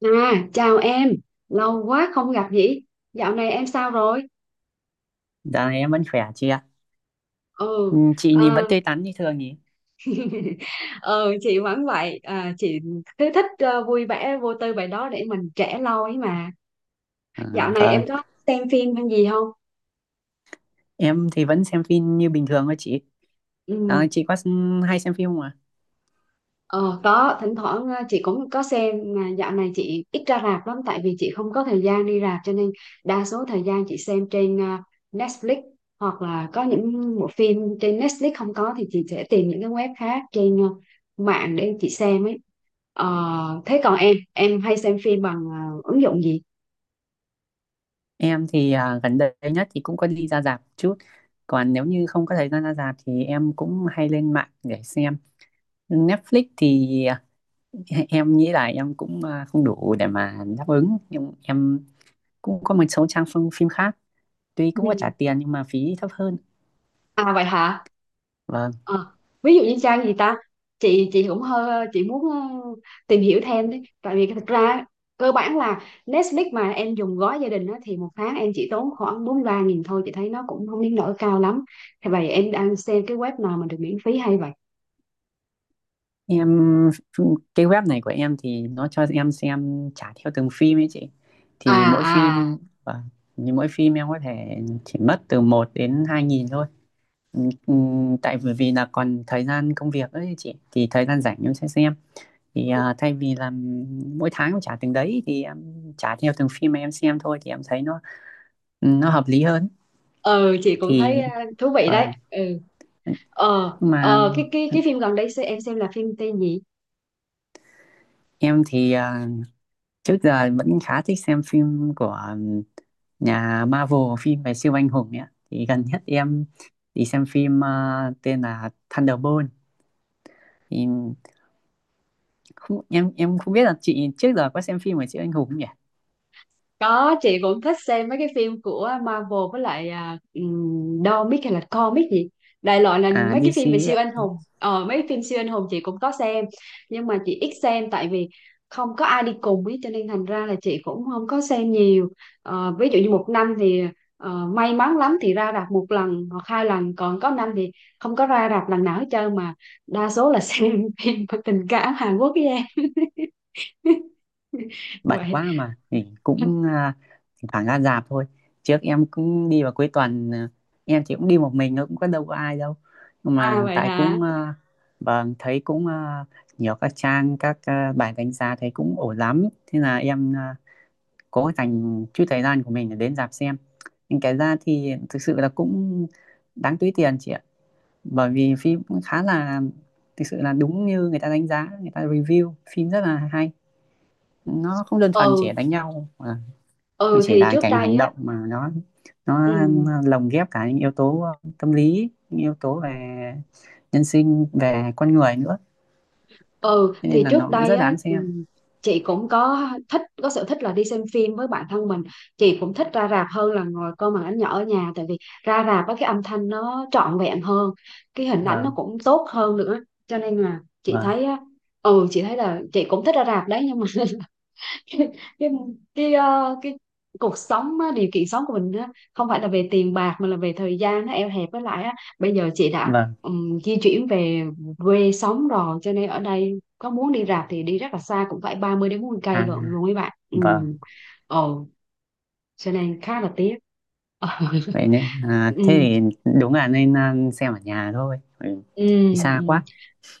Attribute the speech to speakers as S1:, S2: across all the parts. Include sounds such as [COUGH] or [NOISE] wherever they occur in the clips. S1: À, chào em, lâu quá không gặp nhỉ? Dạo này em sao rồi?
S2: Dạo này em vẫn khỏe chị ạ.
S1: Ừ,
S2: Ừ, chị
S1: à,
S2: nhìn vẫn tươi tắn như thường nhỉ?
S1: [LAUGHS] ừ chị vẫn vậy, chị cứ thích vui vẻ vô tư vậy đó để mình trẻ lâu ấy mà.
S2: Ờ,
S1: Dạo này em
S2: vâng,
S1: có xem phim hay gì không?
S2: em thì vẫn xem phim như bình thường thôi chị. Ờ,
S1: Ừ.
S2: chị hay xem phim không ạ?
S1: Ờ, có thỉnh thoảng chị cũng có xem, mà dạo này chị ít ra rạp lắm tại vì chị không có thời gian đi rạp, cho nên đa số thời gian chị xem trên Netflix, hoặc là có những bộ phim trên Netflix không có thì chị sẽ tìm những cái web khác trên mạng để chị xem ấy. Thế còn em hay xem phim bằng ứng dụng gì?
S2: Em thì gần đây nhất thì cũng có đi ra rạp chút. Còn nếu như không có thời gian ra rạp thì em cũng hay lên mạng để xem. Netflix thì em nghĩ là em không đủ để mà đáp ứng. Nhưng em cũng có một số trang phim phim khác. Tuy cũng có trả
S1: Ừ.
S2: tiền nhưng mà phí thấp hơn.
S1: À vậy hả? Ờ, Ví dụ như trang gì ta, chị cũng hơi, chị muốn tìm hiểu thêm đấy, tại vì thực ra cơ bản là Netflix mà em dùng gói gia đình á, thì một tháng em chỉ tốn khoảng 43.000 thôi, chị thấy nó cũng không đến nỗi cao lắm. Thế vậy em đang xem cái web nào mà được miễn phí hay vậy?
S2: Em, cái web này của em thì nó cho em xem trả theo từng phim ấy chị,
S1: À.
S2: thì mỗi phim,
S1: À.
S2: và như mỗi phim em có thể chỉ mất từ một đến 2.000 thôi. Tại bởi vì là còn thời gian công việc ấy chị, thì thời gian rảnh em sẽ xem. Thay vì là mỗi tháng em trả từng đấy thì em trả theo từng phim mà em xem thôi, thì em thấy nó hợp lý hơn.
S1: Ừ, chị cũng thấy
S2: Thì
S1: thú vị đấy.
S2: vâng.
S1: Ừ,
S2: Nhưng mà
S1: cái phim gần đây em xem là phim tên gì?
S2: em trước giờ vẫn khá thích xem phim của nhà Marvel, phim về siêu anh hùng ấy ạ. Thì gần nhất em đi xem phim tên là Thunderbolt. Thì không, em không biết là chị trước giờ có xem phim về siêu anh hùng không nhỉ?
S1: Có, chị cũng thích xem mấy cái phim của Marvel, với lại Dormic hay là Comic gì. Đại loại là
S2: À,
S1: mấy cái phim
S2: DC
S1: về
S2: ấy
S1: siêu
S2: ạ.
S1: anh hùng. Ờ, mấy cái phim siêu anh hùng chị cũng có xem. Nhưng mà chị ít xem tại vì không có ai đi cùng ấy, cho nên thành ra là chị cũng không có xem nhiều. Ví dụ như một năm thì may mắn lắm thì ra rạp một lần hoặc hai lần. Còn có năm thì không có ra rạp lần nào hết trơn, mà đa số là xem [LAUGHS] phim tình cảm Hàn Quốc với em. [LAUGHS]
S2: Bận
S1: Vậy.
S2: quá mà thì thỉnh thoảng ra rạp thôi. Trước em cũng đi vào cuối tuần, em chỉ cũng đi một mình, nó cũng có đâu có ai đâu, nhưng
S1: À
S2: mà
S1: vậy
S2: tại
S1: hả?
S2: vâng, thấy nhiều các trang, bài đánh giá thấy cũng ổn lắm, thế là em cố dành chút thời gian của mình để đến rạp xem. Nhưng cái ra thì thực sự là cũng đáng túi tiền chị ạ, bởi vì phim cũng khá là, thực sự là đúng như người ta đánh giá, người ta review phim rất là hay. Nó không đơn thuần
S1: Ừ,
S2: chỉ đánh nhau nó
S1: ừ
S2: chỉ
S1: thì
S2: là
S1: trước
S2: cái
S1: đây
S2: hành
S1: á,
S2: động, mà nó
S1: ừ,
S2: lồng ghép cả những yếu tố tâm lý, những yếu tố về nhân sinh, về con người nữa.
S1: ừ
S2: Thế
S1: thì
S2: nên là
S1: trước
S2: nó cũng
S1: đây
S2: rất
S1: á,
S2: đáng xem.
S1: chị cũng có thích, có sở thích là đi xem phim với bạn thân mình. Chị cũng thích ra rạp hơn là ngồi coi màn ảnh nhỏ ở nhà, tại vì ra rạp á cái âm thanh nó trọn vẹn hơn, cái hình ảnh nó
S2: Vâng,
S1: cũng tốt hơn nữa, cho nên là chị
S2: vâng,
S1: thấy á, ừ chị thấy là chị cũng thích ra rạp đấy nhưng mà [LAUGHS] cái cái cái cuộc sống á, điều kiện sống của mình á, không phải là về tiền bạc mà là về thời gian, nó eo hẹp, với lại á, bây giờ chị đã
S2: vâng.
S1: di chuyển về quê sống rồi cho nên ở đây có muốn đi rạp thì đi rất là xa, cũng phải 30 đến 40 cây
S2: À,
S1: lận luôn mấy bạn. Ừ.
S2: vâng.
S1: Ồ, cho nên khá là tiếc. Ờ.
S2: Vậy
S1: [LAUGHS]
S2: nên
S1: Ừ.
S2: thế thì đúng là nên xem ở nhà thôi, ừ.
S1: Ừ.
S2: Thì
S1: Ừ.
S2: xa quá.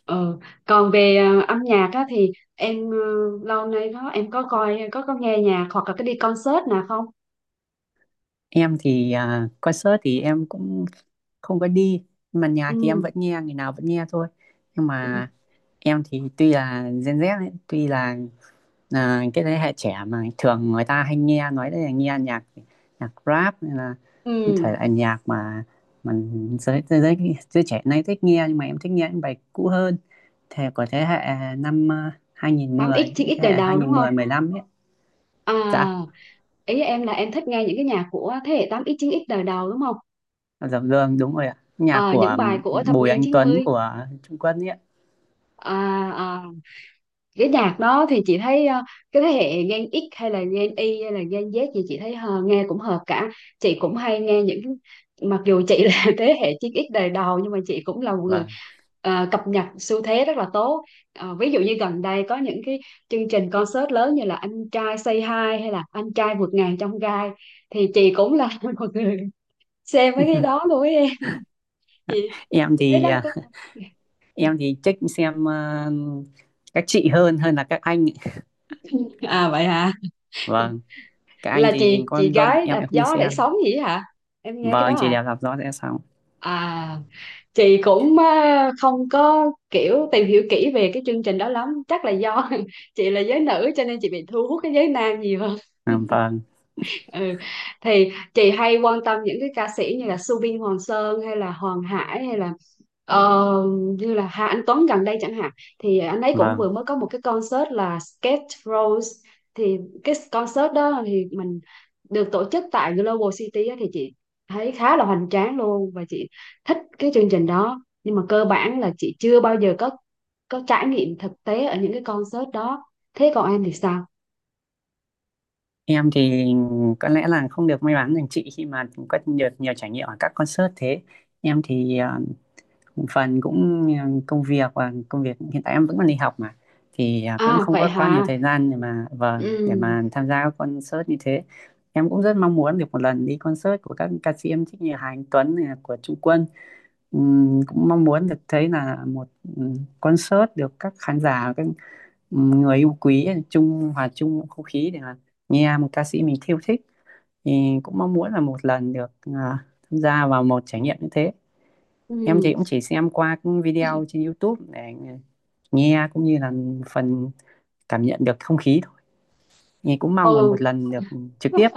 S1: Ờ, Còn về âm nhạc á, thì em lâu nay đó em có coi, có nghe nhạc hoặc là cái đi concert nào không?
S2: Em thì concert thì em cũng không có đi, nhưng mà nhà thì em vẫn nghe, ngày nào vẫn nghe thôi. Nhưng
S1: Ừ.
S2: mà em thì tuy là Gen Z ấy, tuy là cái thế hệ trẻ mà thường người ta hay nghe nói đấy, là nghe nhạc, nhạc rap hay là
S1: Ừ,
S2: những thể loại nhạc mà mình, giới giới giới giới trẻ nay thích nghe, nhưng mà em thích nghe những bài cũ hơn, thế của thế hệ năm
S1: tám x
S2: 2010,
S1: chín
S2: những
S1: x
S2: thế hệ
S1: đời
S2: hai
S1: đầu đúng
S2: không một
S1: không?
S2: không 15 ấy. Dạ.
S1: À, ý em là em thích nghe những cái nhạc của thế hệ tám x chín x đời đầu đúng không?
S2: Dập Dương đúng rồi ạ, nhạc
S1: Ờ, những
S2: của
S1: bài của thập
S2: Bùi
S1: niên
S2: Anh Tuấn,
S1: 90,
S2: của Trung Quốc ấy ạ.
S1: à, à, cái nhạc đó thì chị thấy cái thế hệ Gen X hay là Gen Y hay là Gen Z gì chị thấy nghe cũng hợp cả. Chị cũng hay nghe những, mặc dù chị là [LAUGHS] thế hệ 9X đời đầu nhưng mà chị cũng là một người
S2: Vâng.
S1: cập nhật xu thế rất là tốt. Ví dụ như gần đây có những cái chương trình concert lớn như là Anh trai Say Hi hay là Anh trai vượt ngàn trong gai, thì chị cũng là [LAUGHS] một người xem mấy cái đó
S2: [LAUGHS]
S1: luôn ấy em. chị
S2: em
S1: chị thấy
S2: thì
S1: đó có [LAUGHS]
S2: em thì thích xem các chị hơn, hơn là các anh ấy.
S1: à vậy hả,
S2: Vâng, các anh
S1: là
S2: thì
S1: chị
S2: con
S1: gái
S2: em
S1: đạp
S2: em không đi
S1: gió để
S2: xem.
S1: sống gì ấy hả, em nghe cái
S2: Vâng,
S1: đó
S2: chị
S1: à?
S2: đẹp làm rõ sẽ xong.
S1: À, chị cũng á, không có kiểu tìm hiểu kỹ về cái chương trình đó lắm, chắc là do [LAUGHS] chị là giới nữ cho nên chị bị thu hút cái giới nam nhiều.
S2: À, vâng,
S1: Ừ. Thì chị hay quan tâm những cái ca sĩ như là Subin Hoàng Sơn hay là Hoàng Hải, hay là ờ, như là Hà Anh Tuấn gần đây chẳng hạn. Thì anh ấy cũng
S2: vâng.
S1: vừa mới có một cái concert là Skate Rose. Thì cái concert đó thì mình được tổ chức tại Global City á, thì chị thấy khá là hoành tráng luôn, và chị thích cái chương trình đó nhưng mà cơ bản là chị chưa bao giờ có trải nghiệm thực tế ở những cái concert đó. Thế còn em thì sao?
S2: Em thì có lẽ là không được may mắn bằng chị, khi mà có được nhiều trải nghiệm ở các concert thế. Em thì phần công việc, và công việc hiện tại em vẫn còn đi học mà, thì cũng
S1: À
S2: không
S1: vậy
S2: có quá nhiều
S1: hả?
S2: thời gian để mà, vâng, để mà
S1: Ừ.
S2: tham gia các concert như thế. Em cũng rất mong muốn được một lần đi concert của các ca sĩ em thích, như Hà Anh Tuấn này, của Trung Quân. Cũng mong muốn được thấy là một, ừm, concert được các khán giả, các, người yêu quý chung, hòa chung một không khí để mà nghe một ca sĩ mình yêu thích, thì cũng mong muốn là một lần được tham gia vào một trải nghiệm như thế. Em thì
S1: Ừ.
S2: cũng chỉ xem qua các video trên YouTube để nghe, cũng như là phần cảm nhận được không khí thôi, thì cũng mong là một
S1: Ừ.
S2: lần được trực tiếp,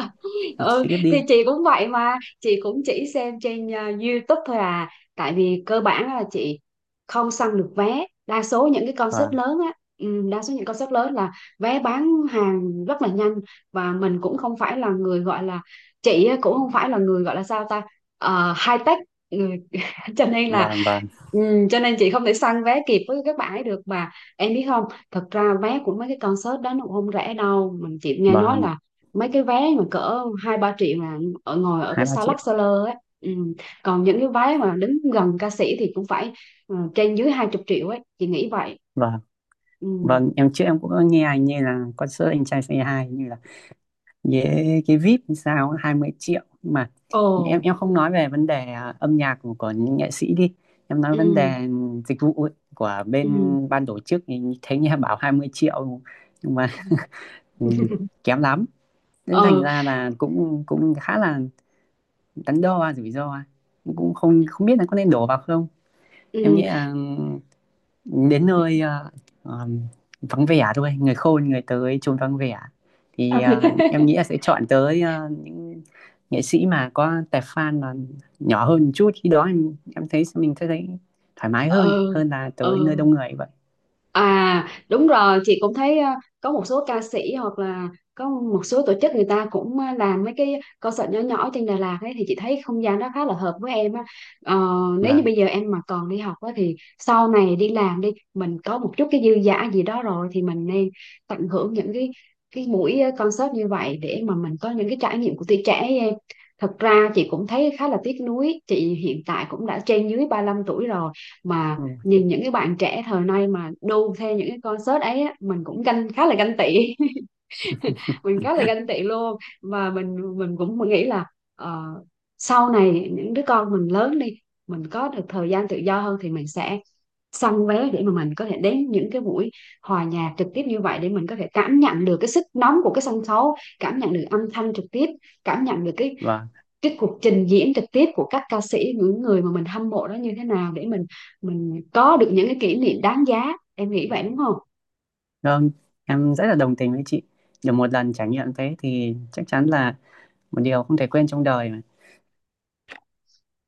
S2: trực
S1: Ừ
S2: tiếp
S1: thì
S2: đi.
S1: chị cũng vậy mà, chị cũng chỉ xem trên YouTube thôi, à tại vì cơ bản là chị không săn được vé đa số những cái concert
S2: Vâng,
S1: lớn á. Ừ, đa số những concert lớn là vé bán hàng rất là nhanh, và mình cũng không phải là người gọi là, cũng không phải là người gọi là sao ta. Ờ, high tech người [LAUGHS] cho nên là,
S2: vâng, vâng,
S1: ừ, cho nên chị không thể săn vé kịp với các bạn ấy được mà, em biết không? Thật ra vé của mấy cái concert đó nó cũng không rẻ đâu, mình chị nghe nói
S2: vâng.
S1: là mấy cái vé mà cỡ 2-3 triệu là ở ngồi ở
S2: hai
S1: cái
S2: ba
S1: xa lắc
S2: triệu
S1: xa lơ ấy. Ừ. Còn những cái vé mà đứng gần ca sĩ thì cũng phải trên dưới 20 triệu ấy, chị nghĩ vậy.
S2: Vâng.
S1: Ừ.
S2: Vâng, em trước em cũng có nghe anh, như là concert Anh Trai Say Hi, như là với cái VIP hay sao, 20 triệu, nhưng mà em
S1: Ồ.
S2: em không nói về vấn đề âm nhạc của những nghệ sĩ đi, em nói vấn
S1: Ừ.
S2: đề dịch vụ ấy, của bên
S1: Ừ.
S2: ban tổ chức, thì thấy nghe bảo 20 triệu nhưng mà,
S1: Ừ.
S2: ừ, kém lắm, nên thành
S1: Ừ.
S2: ra là cũng, cũng khá là đắn đo, rủi ro, cũng không, không biết là có nên đổ vào không. Em
S1: Ừ.
S2: nghĩ là, ừ, đến nơi, ờm, vắng vẻ thôi, người khôn người tới chốn vắng vẻ, thì em
S1: [LAUGHS]
S2: nghĩ là sẽ chọn tới những nghệ sĩ mà có tài, fan mà nhỏ hơn một chút, khi đó em thấy mình sẽ thấy thoải mái hơn,
S1: Ừ.
S2: hơn là tới nơi
S1: Ừ.
S2: đông người vậy.
S1: À đúng rồi, chị cũng thấy có một số ca sĩ hoặc là có một số tổ chức người ta cũng làm mấy cái concert nhỏ nhỏ ở trên Đà Lạt ấy, thì chị thấy không gian đó khá là hợp với em á. ờ, Nếu như
S2: Và.
S1: bây giờ em mà còn đi học á thì sau này đi làm đi, mình có một chút cái dư dả gì đó rồi thì mình nên tận hưởng những cái buổi concert như vậy để mà mình có những cái trải nghiệm của tuổi trẻ ấy em. Thật ra chị cũng thấy khá là tiếc nuối, chị hiện tại cũng đã trên dưới 35 tuổi rồi, mà nhìn những cái bạn trẻ thời nay mà đu theo những cái concert ấy á, mình cũng ganh, khá là ganh tị [LAUGHS] mình khá là ganh
S2: [LAUGHS]
S1: tị luôn. Và mình cũng nghĩ là ờ, sau này những đứa con mình lớn đi, mình có được thời gian tự do hơn thì mình sẽ săn vé để mà mình có thể đến những cái buổi hòa nhạc trực tiếp như vậy, để mình có thể cảm nhận được cái sức nóng của cái sân khấu, cảm nhận được âm thanh trực tiếp, cảm nhận được cái
S2: Vâng,
S1: cái cuộc trình diễn trực tiếp của các ca sĩ, những người mà mình hâm mộ đó như thế nào, để mình có được những cái kỷ niệm đáng giá, em nghĩ vậy đúng không?
S2: vâng, em rất là đồng tình với chị. Được một lần trải nghiệm thế thì chắc chắn là một điều không thể quên trong đời mà.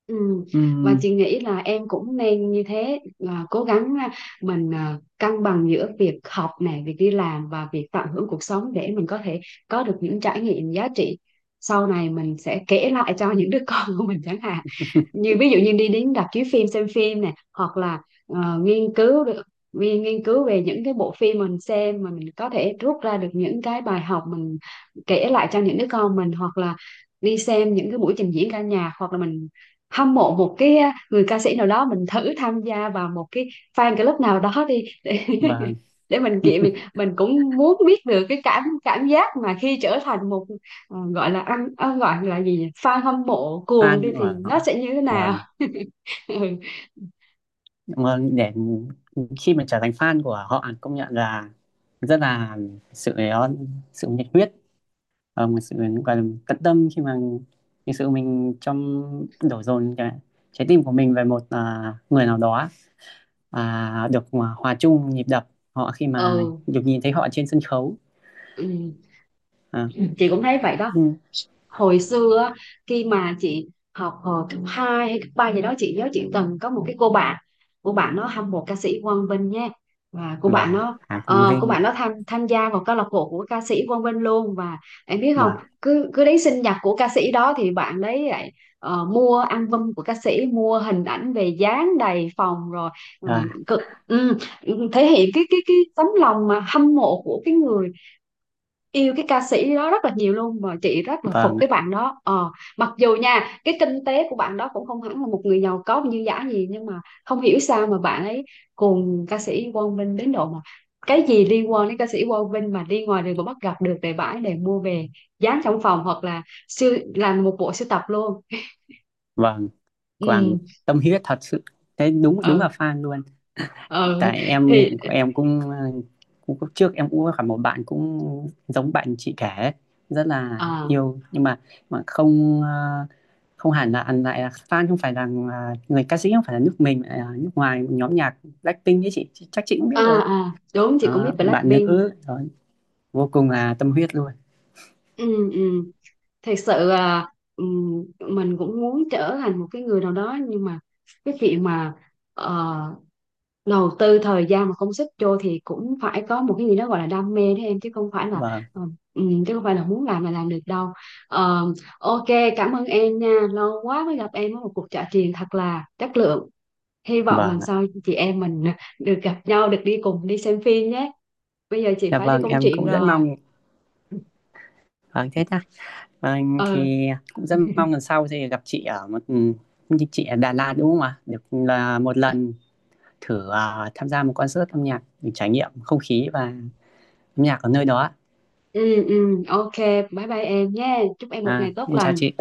S1: Ừ. Và
S2: Ừm.
S1: chị nghĩ là em cũng nên như thế, là cố gắng mình cân bằng giữa việc học này, việc đi làm và việc tận hưởng cuộc sống, để mình có thể có được những trải nghiệm giá trị. Sau này mình sẽ kể lại cho những đứa [LAUGHS] con của mình chẳng hạn,
S2: [LAUGHS]
S1: như ví dụ như đi đến rạp chiếu phim xem phim này, hoặc là nghiên cứu được, nghiên nghiên cứu về những cái bộ phim mình xem mà mình có thể rút ra được những cái bài học mình kể lại cho những đứa con mình, hoặc là đi xem những cái buổi trình diễn ca nhạc, hoặc là mình hâm mộ một cái người ca sĩ nào đó mình thử tham gia vào một cái fan club nào đó đi để [LAUGHS]
S2: vâng,
S1: để mình kiện mình cũng muốn biết được cái cảm cảm giác mà khi trở thành một gọi là ăn gọi là gì nhỉ, fan hâm mộ cuồng đi
S2: fan của
S1: thì
S2: họ.
S1: nó sẽ như thế nào.
S2: Vâng.
S1: [LAUGHS] Ừ.
S2: Mà để khi mà trở thành fan của họ, công nhận là rất là sự, uh, sự nhiệt huyết, một sự gọi là tận tâm, khi mà thực sự mình trong, đổ dồn cái trái tim của mình về một, người nào đó, được hòa hòa chung nhịp đập họ, khi mà
S1: Ừ,
S2: được nhìn thấy họ trên sân khấu.
S1: ừ,
S2: À.
S1: chị cũng thấy vậy đó.
S2: Ừ.
S1: Hồi xưa á, khi mà chị học hồi cấp 2 hay cấp 3 gì đó, chị nhớ chị từng có một cái cô bạn, cô bạn nó hâm mộ ca sĩ Quang Vinh nha. Và cô bạn
S2: Và
S1: nó
S2: Hà Quang
S1: cô
S2: Vinh.
S1: bạn nó tham tham gia vào câu lạc bộ của ca sĩ Quang Vinh luôn. Và em biết không,
S2: và
S1: cứ cứ đến sinh nhật của ca sĩ đó thì bạn đấy lại mua album của ca sĩ, mua hình ảnh về dán đầy phòng rồi ờ,
S2: và
S1: cực, ừ, thể hiện cái cái tấm lòng mà hâm mộ của cái người yêu cái ca sĩ đó rất là nhiều luôn, mà chị rất là
S2: và
S1: phục
S2: ạ.
S1: cái bạn đó. Ờ, mặc dù nha cái kinh tế của bạn đó cũng không hẳn là một người giàu có như giả gì nhưng mà không hiểu sao mà bạn ấy cùng ca sĩ Quang Vinh đến độ mà cái gì liên quan đến ca sĩ Quang Vinh mà đi ngoài đường mà bắt gặp được để bãi, để mua về dán trong phòng, hoặc là siêu làm một bộ sưu tập luôn.
S2: Vâng,
S1: Ừ.
S2: tâm huyết thật sự, thế đúng, đúng là
S1: Ừ.
S2: fan luôn.
S1: Ừ
S2: Tại em
S1: thì
S2: em cũng trước em cũng có gặp một bạn cũng giống bạn chị kể, rất là
S1: à
S2: yêu, nhưng mà không, không hẳn là ăn lại là fan, không phải là, người ca sĩ không phải là nước mình, là nước ngoài, nhóm nhạc Blackpink ấy chị, chắc chị cũng biết rồi.
S1: à đúng, chị cũng biết
S2: Đó, bạn
S1: Blackpink.
S2: nữ rồi, vô cùng là tâm huyết luôn.
S1: Ừ. Ừ, thật sự là mình cũng muốn trở thành một cái người nào đó nhưng mà cái chuyện mà ờ, đầu tư thời gian mà công sức vô thì cũng phải có một cái gì đó gọi là đam mê đấy em, chứ không phải là
S2: Vâng,
S1: ờ, chứ không phải là muốn làm là làm được đâu. Ờ, ok, cảm ơn em nha, lâu quá mới gặp em ở một cuộc trò chuyện thật là chất lượng. Hy vọng
S2: vâng
S1: lần
S2: ạ.
S1: sau chị em mình được gặp nhau, được đi cùng đi xem phim nhé. Bây giờ chị
S2: Dạ
S1: phải đi
S2: vâng,
S1: công
S2: em
S1: chuyện
S2: cũng rất
S1: rồi.
S2: mong. Vâng thế ta, vâng
S1: Ừ.
S2: thì cũng rất mong lần sau thì gặp chị ở một, chị ở Đà Lạt đúng không ạ, được là một lần thử tham gia một concert âm nhạc, để trải nghiệm không khí và âm nhạc ở nơi đó ạ.
S1: Ừ. Ừ, ok, bye bye em nhé, chúc em một
S2: À,
S1: ngày tốt
S2: em chào
S1: lành.
S2: chị.